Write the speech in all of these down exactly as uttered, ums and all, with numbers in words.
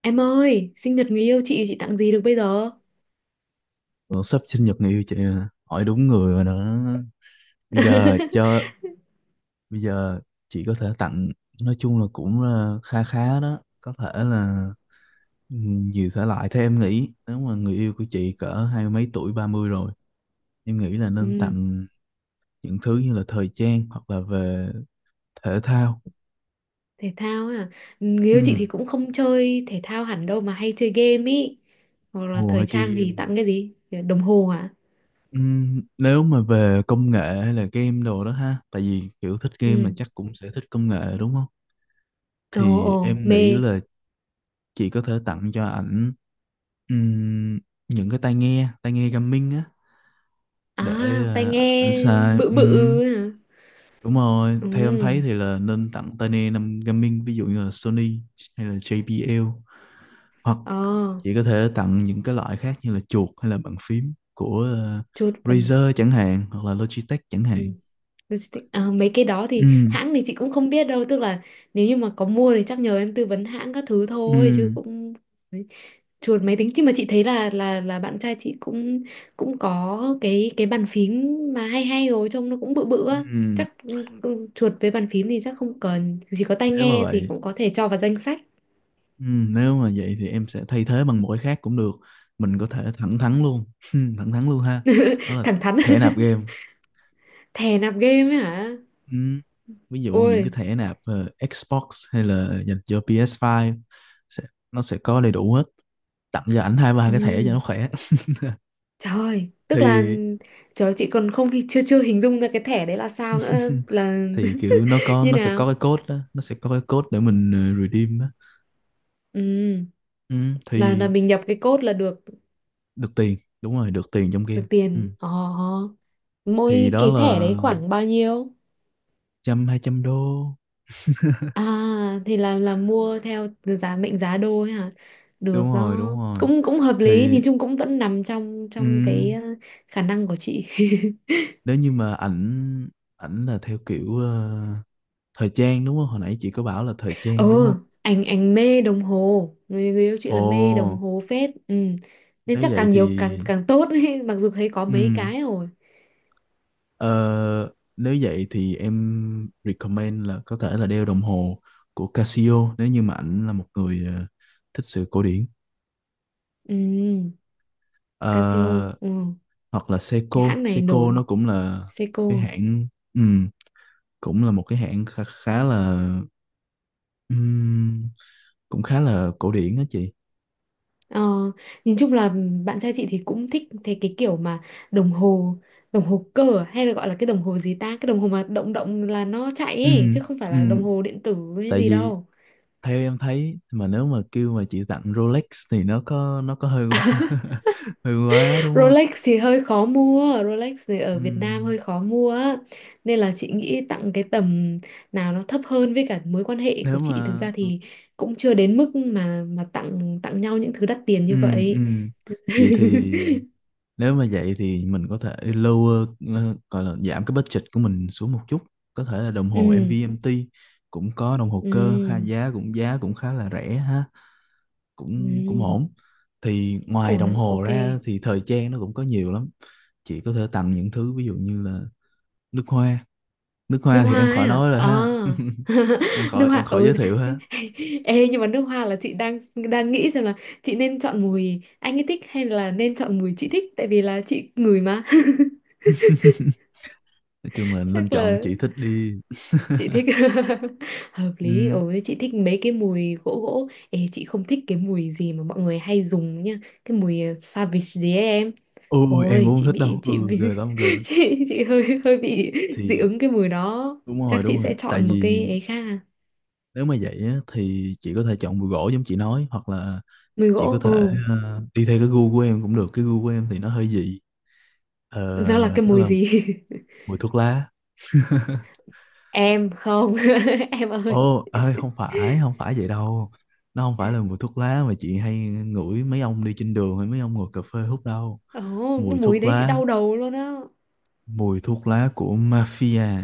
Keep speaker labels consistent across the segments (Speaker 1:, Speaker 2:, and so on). Speaker 1: Em ơi, sinh nhật người yêu chị chị tặng gì được bây giờ?
Speaker 2: Ủa, sắp sinh nhật người yêu chị rồi nè. Hỏi đúng người rồi đó. bây giờ cho Bây giờ chị có thể tặng, nói chung là cũng ờ, kha khá đó, có thể là ừ, nhiều thể loại. Theo em nghĩ, nếu mà người yêu của chị cỡ hai mươi mấy tuổi ba mươi rồi, em nghĩ là nên
Speaker 1: Ừ,
Speaker 2: tặng những thứ như là thời trang hoặc là về thể thao.
Speaker 1: thể thao à? Ừ, người
Speaker 2: ừ
Speaker 1: yêu chị thì cũng không chơi thể thao hẳn đâu mà hay chơi game ý. Hoặc là
Speaker 2: Ồ,
Speaker 1: thời
Speaker 2: hay chơi
Speaker 1: trang thì
Speaker 2: game.
Speaker 1: tặng cái gì? Đồng hồ à?
Speaker 2: ừ, Nếu mà về công nghệ hay là game đồ đó ha, tại vì kiểu thích game là
Speaker 1: Ừ.
Speaker 2: chắc cũng sẽ thích công nghệ, đúng không?
Speaker 1: Ồ
Speaker 2: Thì
Speaker 1: ồ,
Speaker 2: em
Speaker 1: mê.
Speaker 2: nghĩ là chị có thể tặng cho ảnh ừm, những cái tai nghe tai nghe gaming á,
Speaker 1: À,
Speaker 2: để
Speaker 1: tai
Speaker 2: ờ, ảnh
Speaker 1: nghe
Speaker 2: xài.
Speaker 1: bự bự
Speaker 2: Ừm,
Speaker 1: à?
Speaker 2: đúng rồi, theo em
Speaker 1: Ừ.
Speaker 2: thấy thì là nên tặng tai nghe năm gaming, ví dụ như là Sony hay là gi bê lờ, hoặc
Speaker 1: Ờ,
Speaker 2: chị có thể tặng những cái loại khác như là chuột hay là bàn phím của ờ,
Speaker 1: chuột vân.
Speaker 2: Razer chẳng hạn, hoặc là Logitech chẳng
Speaker 1: Ừ.
Speaker 2: hạn.
Speaker 1: Logistics. À, mấy cái đó
Speaker 2: ừ
Speaker 1: thì hãng thì chị cũng không biết đâu, tức là nếu như mà có mua thì chắc nhờ em tư vấn hãng các thứ
Speaker 2: ừ.
Speaker 1: thôi chứ cũng đấy. Chuột máy tính, chứ mà chị thấy là là là bạn trai chị cũng cũng có cái cái bàn phím mà hay hay rồi, trông nó cũng bự bự á.
Speaker 2: ừ
Speaker 1: Chắc ừ, ừ, chuột với bàn phím thì chắc không cần, chỉ có tai
Speaker 2: Nếu mà
Speaker 1: nghe thì
Speaker 2: vậy,
Speaker 1: cũng có thể cho vào danh sách.
Speaker 2: ừ, nếu mà vậy thì em sẽ thay thế bằng một cái khác cũng được. Mình có thể thẳng thắn luôn thẳng thắn luôn ha. Đó là
Speaker 1: Thẳng thắn.
Speaker 2: thẻ nạp game.
Speaker 1: Thè nạp game ấy hả?
Speaker 2: Ừ. Ví dụ những cái
Speaker 1: Ôi
Speaker 2: thẻ nạp ờ, Xbox, hay là dành cho pê ét năm, sẽ, nó sẽ có đầy đủ hết, tặng cho ảnh hai ba cái thẻ
Speaker 1: ừ.
Speaker 2: cho nó khỏe.
Speaker 1: Trời, tức là
Speaker 2: Thì
Speaker 1: trời chị còn không hi- chưa chưa hình dung ra cái thẻ đấy là sao nữa là.
Speaker 2: thì kiểu nó có
Speaker 1: Như
Speaker 2: nó sẽ
Speaker 1: nào.
Speaker 2: có cái code đó, nó sẽ có cái code để mình ờ, redeem đó.
Speaker 1: Ừ,
Speaker 2: Ừ.
Speaker 1: là là
Speaker 2: Thì
Speaker 1: mình nhập cái code là được
Speaker 2: được tiền, đúng rồi, được tiền trong
Speaker 1: được
Speaker 2: game. Ừ.
Speaker 1: tiền. Ờ,
Speaker 2: Thì
Speaker 1: mỗi
Speaker 2: đó
Speaker 1: cái thẻ
Speaker 2: là
Speaker 1: đấy khoảng bao nhiêu?
Speaker 2: trăm hai trăm đô.
Speaker 1: À, thì là là mua theo giá mệnh giá đô ấy hả?
Speaker 2: Đúng
Speaker 1: Được
Speaker 2: rồi,
Speaker 1: đó.
Speaker 2: đúng rồi.
Speaker 1: Cũng cũng hợp lý,
Speaker 2: Thì
Speaker 1: nhìn chung cũng vẫn nằm trong trong cái
Speaker 2: ừm,
Speaker 1: ờ, khả năng của chị.
Speaker 2: nếu như mà ảnh, ảnh là theo kiểu ờ, thời trang, đúng không, hồi nãy chị có bảo là thời trang đúng không?
Speaker 1: Ừ, anh anh mê đồng hồ, người, người yêu chị
Speaker 2: Ồ,
Speaker 1: là mê đồng hồ phết. Ừ. Nên
Speaker 2: nếu
Speaker 1: chắc
Speaker 2: vậy
Speaker 1: càng
Speaker 2: thì
Speaker 1: nhiều càng càng tốt ấy. Mặc dù thấy có mấy
Speaker 2: ừm,
Speaker 1: cái rồi.
Speaker 2: ờ, nếu vậy thì em recommend là có thể là đeo đồng hồ của Casio, nếu như mà ảnh là một người ờ, thích sự cổ điển.
Speaker 1: Ừ, Casio,
Speaker 2: Ờ,
Speaker 1: ừ.
Speaker 2: Hoặc là
Speaker 1: Cái
Speaker 2: Seiko
Speaker 1: hãng này
Speaker 2: Seiko nó
Speaker 1: nổi,
Speaker 2: cũng là cái
Speaker 1: Seiko.
Speaker 2: hãng, ừm, cũng là một cái hãng khá, khá là ừm, cũng khá là cổ điển đó chị.
Speaker 1: Ờ, nhìn chung là bạn trai chị thì cũng thích thế, cái kiểu mà đồng hồ, đồng hồ cơ à? Hay là gọi là cái đồng hồ gì ta, cái đồng hồ mà động động là nó chạy
Speaker 2: Ừ,
Speaker 1: ấy, chứ không phải
Speaker 2: ừ,
Speaker 1: là đồng hồ điện tử hay
Speaker 2: tại
Speaker 1: gì
Speaker 2: vì
Speaker 1: đâu.
Speaker 2: theo em thấy, mà nếu mà kêu mà chị tặng Rolex thì nó có nó có hơi quá hơi quá, đúng không?
Speaker 1: Rolex thì hơi khó mua, Rolex thì ở
Speaker 2: Ừ,
Speaker 1: Việt Nam hơi khó mua á. Nên là chị nghĩ tặng cái tầm nào nó thấp hơn, với cả mối quan hệ của
Speaker 2: nếu
Speaker 1: chị thực
Speaker 2: mà
Speaker 1: ra thì cũng chưa đến mức mà mà tặng tặng nhau những thứ đắt tiền
Speaker 2: ừ,
Speaker 1: như
Speaker 2: ừ.
Speaker 1: vậy.
Speaker 2: Vậy thì nếu mà vậy thì mình có thể lower, ờ, gọi là giảm cái budget của mình xuống một chút, có thể là đồng hồ
Speaker 1: Ừ,
Speaker 2: em vê em tê, cũng có đồng hồ cơ kha,
Speaker 1: ừ,
Speaker 2: giá cũng giá cũng khá là rẻ ha, cũng cũng
Speaker 1: ừ.
Speaker 2: ổn. Thì ngoài
Speaker 1: Ổn
Speaker 2: đồng
Speaker 1: ạ,
Speaker 2: hồ
Speaker 1: ok.
Speaker 2: ra thì thời trang nó cũng có nhiều lắm, chị có thể tặng những thứ ví dụ như là nước hoa. Nước
Speaker 1: Nước
Speaker 2: hoa thì
Speaker 1: hoa
Speaker 2: em
Speaker 1: ấy
Speaker 2: khỏi
Speaker 1: à?
Speaker 2: nói rồi
Speaker 1: À.
Speaker 2: ha, em
Speaker 1: Nước
Speaker 2: khỏi em
Speaker 1: hoa
Speaker 2: khỏi
Speaker 1: ừ.
Speaker 2: giới thiệu ha.
Speaker 1: Ê nhưng mà nước hoa là chị đang đang nghĩ xem là chị nên chọn mùi anh ấy thích hay là nên chọn mùi chị thích, tại vì là chị ngửi mà.
Speaker 2: Nói chung là nên
Speaker 1: Chắc
Speaker 2: chọn
Speaker 1: là
Speaker 2: chị thích đi.
Speaker 1: chị thích. Hợp lý.
Speaker 2: Ừ.
Speaker 1: Ồ thế chị thích mấy cái mùi gỗ gỗ. Ê, chị không thích cái mùi gì mà mọi người hay dùng nha, cái mùi ờ, Savage gì ấy em.
Speaker 2: Ôi, em
Speaker 1: Ôi
Speaker 2: cũng không
Speaker 1: chị
Speaker 2: thích đâu,
Speaker 1: bị chị
Speaker 2: ừ,
Speaker 1: bị
Speaker 2: ghê lắm, ghê lắm.
Speaker 1: chị chị hơi hơi bị dị
Speaker 2: Thì
Speaker 1: ứng cái mùi đó,
Speaker 2: đúng
Speaker 1: chắc
Speaker 2: rồi,
Speaker 1: chị
Speaker 2: đúng rồi,
Speaker 1: sẽ
Speaker 2: tại
Speaker 1: chọn một
Speaker 2: vì
Speaker 1: cái ấy khác à.
Speaker 2: nếu mà vậy á, thì chị có thể chọn bùi gỗ giống chị nói, hoặc là
Speaker 1: Mùi
Speaker 2: chị có
Speaker 1: gỗ,
Speaker 2: thể
Speaker 1: ừ.
Speaker 2: ờ, đi theo cái gu của em cũng được, cái gu của em thì nó hơi dị. Ờ,
Speaker 1: Nó là cái
Speaker 2: nó
Speaker 1: mùi
Speaker 2: là
Speaker 1: gì?
Speaker 2: mùi thuốc lá.
Speaker 1: Em không. Em ơi,
Speaker 2: Ồ, ơi không phải, không phải vậy đâu. Nó không phải là mùi thuốc lá mà chị hay ngửi mấy ông đi trên đường hay mấy ông ngồi cà phê hút đâu.
Speaker 1: ồ
Speaker 2: Mùi
Speaker 1: cái mùi
Speaker 2: thuốc
Speaker 1: đấy chị
Speaker 2: lá,
Speaker 1: đau đầu luôn á.
Speaker 2: mùi thuốc lá của mafia,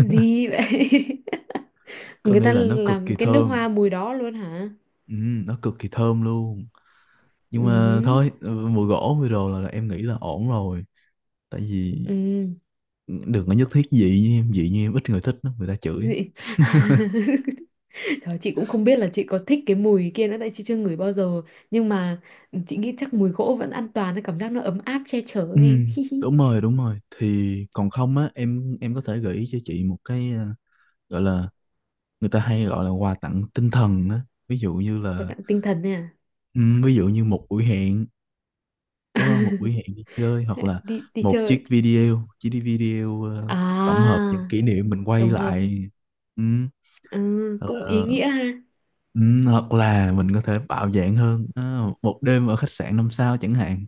Speaker 1: Gì vậy?
Speaker 2: có
Speaker 1: Người
Speaker 2: nghĩa
Speaker 1: ta
Speaker 2: là nó cực
Speaker 1: làm
Speaker 2: kỳ
Speaker 1: cái nước
Speaker 2: thơm.
Speaker 1: hoa mùi đó luôn hả?
Speaker 2: Ừ, nó cực kỳ thơm luôn. Nhưng mà
Speaker 1: Ừ.
Speaker 2: thôi, ừ, mùi gỗ mùi đồ là, là em nghĩ là ổn rồi. Tại vì
Speaker 1: Ừ.
Speaker 2: đừng có nhất thiết dị như em, dị như em ít người thích lắm, người ta chửi á.
Speaker 1: Dị. Trời, chị cũng không biết là chị có thích cái mùi kia nữa, tại chị chưa ngửi bao giờ. Nhưng mà chị nghĩ chắc mùi gỗ vẫn an toàn, cảm giác nó ấm áp che chở
Speaker 2: Ừ,
Speaker 1: em.
Speaker 2: đúng rồi, đúng rồi. Thì còn không á, em em có thể gợi ý cho chị một cái ờ, gọi là, người ta hay gọi là quà tặng tinh thần á, ví dụ như
Speaker 1: Có
Speaker 2: là
Speaker 1: tặng tinh thần nè.
Speaker 2: ừ, ví dụ như một buổi hẹn, đúng không, một buổi hẹn đi chơi, hoặc là
Speaker 1: Đi đi
Speaker 2: một
Speaker 1: chơi
Speaker 2: chiếc video chiếc đi video ờ, tổng hợp những
Speaker 1: à.
Speaker 2: kỷ niệm mình quay
Speaker 1: Tổng hợp.
Speaker 2: lại. Ừ,
Speaker 1: Ừ,
Speaker 2: hoặc
Speaker 1: cũng ý
Speaker 2: là,
Speaker 1: nghĩa ha.
Speaker 2: ừ, hoặc là mình có thể bạo dạn hơn, à, một đêm ở khách sạn năm sao chẳng hạn.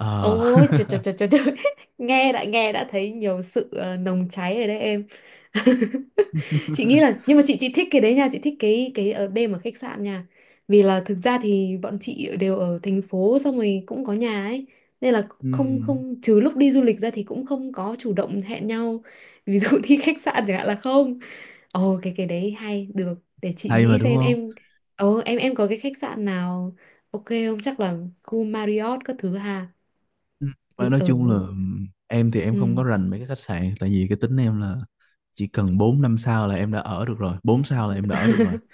Speaker 2: Ờ,
Speaker 1: Ôi trời trời trời trời trời. nghe đã nghe đã thấy nhiều sự ờ, nồng cháy rồi đấy em. Chị nghĩ là, nhưng mà chị chị thích cái đấy nha, chị thích cái cái ở đêm ở khách sạn nha. Vì là thực ra thì bọn chị đều ở thành phố, xong rồi cũng có nhà ấy, nên là không
Speaker 2: ừ,
Speaker 1: không trừ lúc đi du lịch ra thì cũng không có chủ động hẹn nhau, ví dụ đi khách sạn chẳng hạn là không. Ồ cái cái đấy hay được, để chị
Speaker 2: hay mà
Speaker 1: nghĩ
Speaker 2: đúng
Speaker 1: xem
Speaker 2: không.
Speaker 1: em. Ồ, em em có cái khách sạn nào ok không, chắc là khu Marriott các thứ ha.
Speaker 2: Ừ. Và
Speaker 1: Thì
Speaker 2: nói
Speaker 1: ở,
Speaker 2: chung là ừm, em thì em không có
Speaker 1: ừ.
Speaker 2: rành mấy cái khách sạn, tại vì cái tính em là chỉ cần bốn năm sao là em đã ở được rồi, bốn sao là em đã ở được rồi.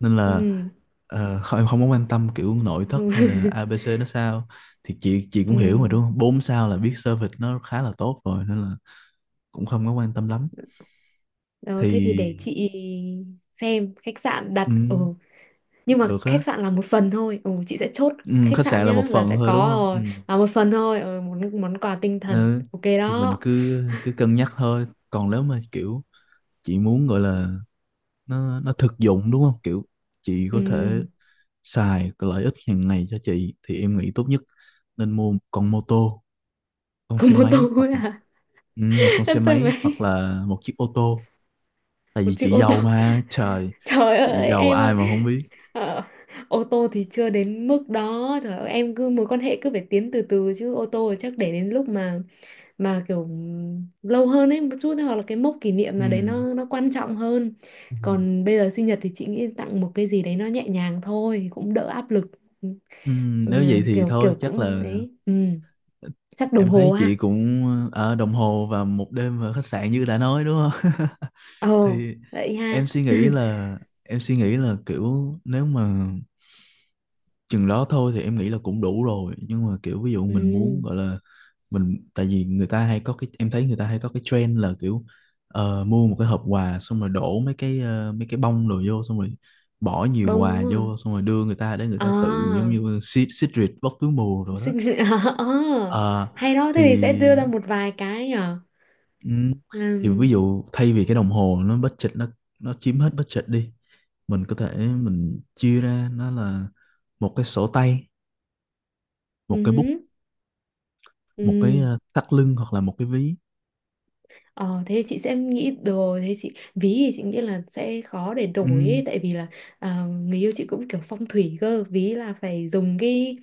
Speaker 2: Nên là
Speaker 1: Ừ,
Speaker 2: ờ, không, em không có quan tâm kiểu nội thất hay là a bê xê nó sao. Thì chị chị cũng hiểu mà
Speaker 1: ừ.
Speaker 2: đúng không? bốn sao là biết service nó khá là tốt rồi, nên là cũng không có quan tâm lắm.
Speaker 1: Ờ, thế thì để
Speaker 2: Thì
Speaker 1: chị xem khách sạn đặt, ừ.
Speaker 2: ừm,
Speaker 1: Nhưng mà
Speaker 2: được á.
Speaker 1: khách sạn là một phần thôi, ừ, chị sẽ chốt
Speaker 2: Ừm,
Speaker 1: khách
Speaker 2: khách
Speaker 1: sạn
Speaker 2: sạn là
Speaker 1: nhá,
Speaker 2: một
Speaker 1: là
Speaker 2: phần
Speaker 1: sẽ
Speaker 2: thôi, đúng
Speaker 1: có
Speaker 2: không?
Speaker 1: rồi,
Speaker 2: Ừm.
Speaker 1: là một phần thôi, ừ, món món quà tinh thần
Speaker 2: Ừ.
Speaker 1: ok
Speaker 2: Thì mình
Speaker 1: đó.
Speaker 2: cứ cứ cân nhắc thôi. Còn nếu mà kiểu chị muốn gọi là nó nó thực dụng, đúng không, kiểu chị có thể
Speaker 1: Ừm,
Speaker 2: xài cái lợi ích hàng ngày cho chị, thì em nghĩ tốt nhất nên mua một con mô tô, con
Speaker 1: có
Speaker 2: xe
Speaker 1: mô
Speaker 2: máy,
Speaker 1: tô
Speaker 2: hoặc
Speaker 1: thôi à.
Speaker 2: ừ, một con
Speaker 1: Là
Speaker 2: xe
Speaker 1: xe
Speaker 2: máy, hoặc
Speaker 1: máy,
Speaker 2: là một chiếc ô tô, tại
Speaker 1: một
Speaker 2: vì
Speaker 1: chiếc
Speaker 2: chị
Speaker 1: ô tô.
Speaker 2: giàu mà trời,
Speaker 1: Trời
Speaker 2: chị
Speaker 1: ơi
Speaker 2: giàu
Speaker 1: em
Speaker 2: ai
Speaker 1: ơi.
Speaker 2: mà không biết.
Speaker 1: Ờ, ô tô thì chưa đến mức đó, trời ơi em, cứ mối quan hệ cứ phải tiến từ từ chứ, ô tô thì chắc để đến lúc mà mà kiểu lâu hơn ấy một chút, hoặc là cái mốc kỷ niệm nào đấy
Speaker 2: Ừ.
Speaker 1: nó nó quan trọng hơn.
Speaker 2: Ừ.
Speaker 1: Còn bây giờ sinh nhật thì chị nghĩ tặng một cái gì đấy nó nhẹ nhàng thôi, cũng đỡ áp lực.
Speaker 2: Ừ,
Speaker 1: Ừ,
Speaker 2: nếu vậy thì
Speaker 1: kiểu
Speaker 2: thôi
Speaker 1: kiểu
Speaker 2: chắc
Speaker 1: cũng
Speaker 2: là
Speaker 1: đấy ừ.
Speaker 2: ờ,
Speaker 1: Chắc đồng
Speaker 2: em thấy
Speaker 1: hồ
Speaker 2: chị
Speaker 1: ha.
Speaker 2: cũng ở đồng hồ và một đêm ở khách sạn như đã nói, đúng không.
Speaker 1: Ồ
Speaker 2: Thì
Speaker 1: vậy
Speaker 2: em
Speaker 1: ha.
Speaker 2: suy nghĩ là em suy nghĩ là kiểu nếu mà chừng đó thôi thì em nghĩ là cũng đủ rồi, nhưng mà kiểu ví dụ mình muốn
Speaker 1: Ừ.
Speaker 2: gọi là mình, tại vì người ta hay có cái, em thấy người ta hay có cái trend là kiểu ờ, mua một cái hộp quà xong rồi đổ mấy cái ờ, mấy cái bông đồ vô, xong rồi bỏ nhiều
Speaker 1: Bông đúng
Speaker 2: quà
Speaker 1: không?
Speaker 2: vô, xong rồi đưa người ta để người
Speaker 1: À.
Speaker 2: ta tự giống
Speaker 1: Ờ,
Speaker 2: như xịt xịt rịt, bóc túi mù rồi đó.
Speaker 1: sinh à,
Speaker 2: Ờ,
Speaker 1: hay đó, thế thì
Speaker 2: thì
Speaker 1: sẽ đưa ra một vài cái nhở.
Speaker 2: ừm, thì ví
Speaker 1: Ừm,
Speaker 2: dụ thay vì cái đồng hồ nó budget nó nó chiếm hết budget đi, mình có thể mình chia ra nó là một cái sổ tay, một cái bút,
Speaker 1: ừm.
Speaker 2: một cái
Speaker 1: Ừ.
Speaker 2: ờ, thắt lưng hoặc là một cái ví.
Speaker 1: Ờ, thế thì chị sẽ nghĩ được rồi, thế chị ví thì chị nghĩ là sẽ khó để
Speaker 2: Ừ,
Speaker 1: đổi ấy, tại vì là à, người yêu chị cũng kiểu phong thủy cơ, ví là phải dùng cái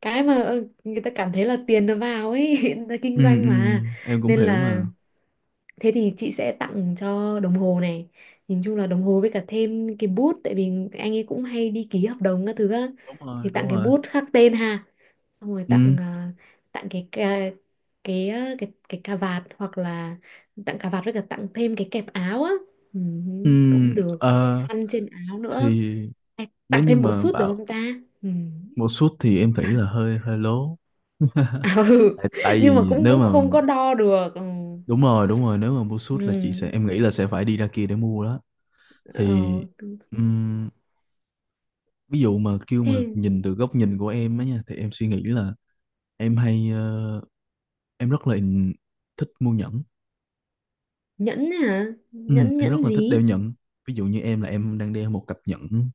Speaker 1: cái mà ờ, người ta cảm thấy là tiền nó vào ấy. Người ta
Speaker 2: ừ,
Speaker 1: kinh doanh
Speaker 2: ừ.
Speaker 1: mà,
Speaker 2: Em cũng
Speaker 1: nên
Speaker 2: hiểu
Speaker 1: là
Speaker 2: mà.
Speaker 1: thế thì chị sẽ tặng cho đồng hồ này, nhìn chung là đồng hồ với cả thêm cái bút, tại vì anh ấy cũng hay đi ký hợp đồng các thứ á,
Speaker 2: Đúng
Speaker 1: thì
Speaker 2: rồi, đúng
Speaker 1: tặng cái
Speaker 2: rồi.
Speaker 1: bút khắc tên ha, xong rồi
Speaker 2: Ừ,
Speaker 1: tặng à, tặng cái cái cái à, cái, cái cà vạt, hoặc là tặng cà vạt với cả tặng thêm cái kẹp áo á, ừ,
Speaker 2: ừ.
Speaker 1: cũng được, và cái
Speaker 2: ờ,
Speaker 1: khăn trên áo nữa.
Speaker 2: thì
Speaker 1: Hay
Speaker 2: nếu
Speaker 1: tặng
Speaker 2: như
Speaker 1: thêm bộ
Speaker 2: mà
Speaker 1: sút được
Speaker 2: bảo
Speaker 1: không ta? Ừ.
Speaker 2: một suit thì em nghĩ là hơi hơi lố.
Speaker 1: À, ừ.
Speaker 2: Tại, tại
Speaker 1: Nhưng mà
Speaker 2: vì
Speaker 1: cũng
Speaker 2: nếu
Speaker 1: cũng
Speaker 2: mà
Speaker 1: không có đo được, ừ.
Speaker 2: đúng rồi, đúng rồi, nếu mà mua suit là chị sẽ,
Speaker 1: Ừ.
Speaker 2: em nghĩ là sẽ phải đi ra kia để mua đó. Thì
Speaker 1: Ờ,
Speaker 2: ừm, ví dụ mà kêu mà
Speaker 1: thế
Speaker 2: nhìn từ góc nhìn của em á nha, thì em suy nghĩ là em hay ờ, em rất là thích mua nhẫn.
Speaker 1: nhẫn hả?
Speaker 2: Ừ,
Speaker 1: nhẫn
Speaker 2: em rất
Speaker 1: nhẫn
Speaker 2: là thích đeo
Speaker 1: gì?
Speaker 2: nhẫn. Ví dụ như em là em đang đeo một cặp nhẫn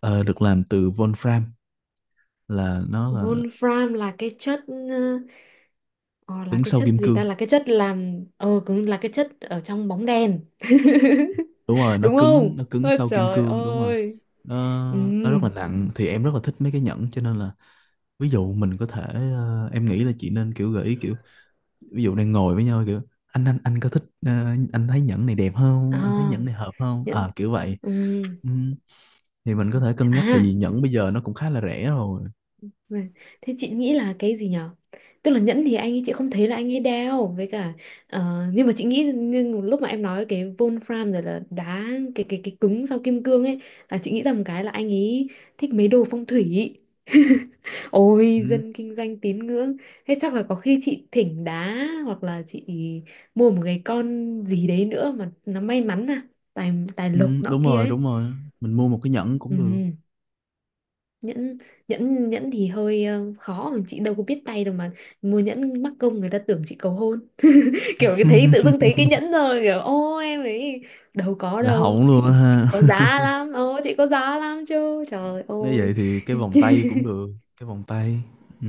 Speaker 2: ờ, được làm từ Wolfram, là nó là
Speaker 1: Wolfram là cái chất ờ, ờ, là
Speaker 2: cứng
Speaker 1: cái
Speaker 2: sau
Speaker 1: chất
Speaker 2: kim
Speaker 1: gì ta,
Speaker 2: cương.
Speaker 1: là cái chất làm ờ cũng là cái chất ở trong bóng đèn
Speaker 2: Đúng rồi, nó
Speaker 1: đúng
Speaker 2: cứng
Speaker 1: không,
Speaker 2: nó cứng
Speaker 1: ôi
Speaker 2: sau kim
Speaker 1: trời
Speaker 2: cương, đúng rồi.
Speaker 1: ơi.
Speaker 2: Nó
Speaker 1: Ừ.
Speaker 2: nó rất là nặng, thì em rất là thích mấy cái nhẫn, cho nên là ví dụ mình có thể ờ, em nghĩ là chị nên kiểu gợi ý, kiểu ví dụ đang ngồi với nhau kiểu anh anh anh có thích ờ, anh thấy nhẫn này đẹp không? Anh thấy nhẫn
Speaker 1: À,
Speaker 2: này hợp không?
Speaker 1: nhẫn,
Speaker 2: À, kiểu vậy.
Speaker 1: ừ.
Speaker 2: Ừ, thì mình có thể cân nhắc, tại
Speaker 1: À.
Speaker 2: vì nhẫn bây giờ nó cũng khá là rẻ rồi.
Speaker 1: Vâng. Thế chị nghĩ là cái gì nhở? Tức là nhẫn thì anh ấy, chị không thấy là anh ấy đeo, với cả ờ, nhưng mà chị nghĩ, nhưng lúc mà em nói cái Wolfram rồi là đá, cái cái cái cứng sau kim cương ấy, là chị nghĩ là một cái là anh ấy thích mấy đồ phong thủy. Ôi dân kinh doanh tín ngưỡng. Thế chắc là có khi chị thỉnh đá, hoặc là chị mua một cái con gì đấy nữa mà nó may mắn, à, Tài tài
Speaker 2: Ừ,
Speaker 1: lộc nọ
Speaker 2: đúng
Speaker 1: kia
Speaker 2: rồi,
Speaker 1: ấy.
Speaker 2: đúng rồi. Mình mua một cái nhẫn cũng được.
Speaker 1: Ừ. nhẫn nhẫn nhẫn thì hơi ờ, khó, mà chị đâu có biết tay đâu mà. Mua nhẫn mắc công người ta tưởng chị cầu hôn. Kiểu cái thấy, tự dưng thấy cái nhẫn rồi kiểu ô em ấy đâu có
Speaker 2: Là
Speaker 1: đâu,
Speaker 2: hỏng luôn á
Speaker 1: chị chị có
Speaker 2: ha.
Speaker 1: giá lắm, ô chị có giá lắm chứ trời
Speaker 2: Nếu vậy
Speaker 1: ơi.
Speaker 2: thì cái vòng tay cũng được. Cái vòng tay. Ừ.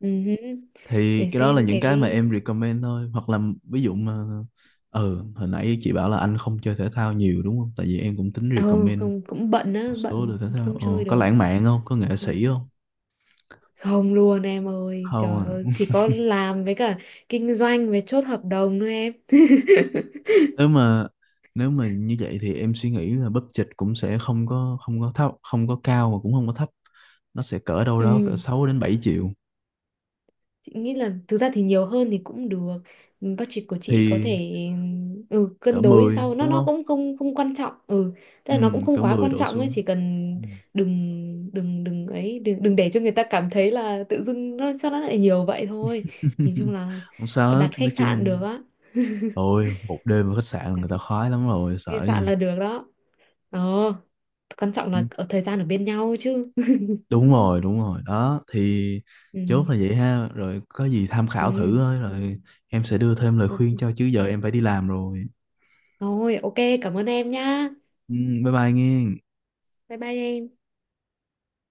Speaker 1: Ừhứ.
Speaker 2: Thì
Speaker 1: Để
Speaker 2: cái đó là
Speaker 1: xem
Speaker 2: những cái mà
Speaker 1: cái,
Speaker 2: em recommend thôi. Hoặc là ví dụ mà... Ừ, hồi nãy chị bảo là anh không chơi thể thao nhiều đúng không? Tại vì em cũng tính
Speaker 1: ừ
Speaker 2: recommend
Speaker 1: không, cũng bận
Speaker 2: một
Speaker 1: á,
Speaker 2: số
Speaker 1: bận
Speaker 2: đồ thể thao.
Speaker 1: không
Speaker 2: Ờ,
Speaker 1: chơi
Speaker 2: có
Speaker 1: được.
Speaker 2: lãng mạn không? Có nghệ
Speaker 1: Ừ.
Speaker 2: sĩ không?
Speaker 1: Không luôn em ơi,
Speaker 2: Không
Speaker 1: trời ơi,
Speaker 2: à.
Speaker 1: chỉ có làm với cả kinh doanh với chốt hợp đồng thôi em.
Speaker 2: Nếu mà nếu mà như vậy thì em suy nghĩ là budget cũng sẽ không có, không có thấp, không có cao và cũng không có thấp. Nó sẽ cỡ đâu đó
Speaker 1: Ừ.
Speaker 2: cỡ sáu đến bảy triệu,
Speaker 1: Chị nghĩ là thực ra thì nhiều hơn thì cũng được. Budget của chị có
Speaker 2: thì
Speaker 1: thể ừ,
Speaker 2: cỡ
Speaker 1: cân đối
Speaker 2: mười
Speaker 1: sau, nó
Speaker 2: đúng
Speaker 1: nó
Speaker 2: không?
Speaker 1: cũng không không quan trọng. Ừ, tức
Speaker 2: Ừ,
Speaker 1: là nó cũng không
Speaker 2: cỡ
Speaker 1: quá
Speaker 2: mười
Speaker 1: quan
Speaker 2: đổ
Speaker 1: trọng ấy,
Speaker 2: xuống.
Speaker 1: chỉ cần
Speaker 2: Ừ.
Speaker 1: đừng đừng đừng ấy đừng đừng để cho người ta cảm thấy là tự dưng nó sao nó lại nhiều vậy thôi. Nhìn chung là
Speaker 2: Không sao hết,
Speaker 1: đặt khách
Speaker 2: nói
Speaker 1: sạn được
Speaker 2: chung
Speaker 1: á.
Speaker 2: ôi, một đêm ở khách sạn là
Speaker 1: Đặt
Speaker 2: người ta khoái lắm rồi,
Speaker 1: khách
Speaker 2: sợ
Speaker 1: sạn
Speaker 2: gì.
Speaker 1: là được đó. Ờ, quan trọng
Speaker 2: Ừ,
Speaker 1: là ở thời gian ở bên nhau chứ.
Speaker 2: đúng rồi, đúng rồi. Đó, thì
Speaker 1: Ừ,
Speaker 2: chốt là vậy ha. Rồi có gì tham khảo thử
Speaker 1: ừ.
Speaker 2: thôi, rồi em sẽ đưa thêm lời
Speaker 1: Ok.
Speaker 2: khuyên cho, chứ giờ em phải đi làm rồi.
Speaker 1: Thôi, ok, cảm ơn em nhá.
Speaker 2: Ừ, bye bye nghe.
Speaker 1: Bye bye em.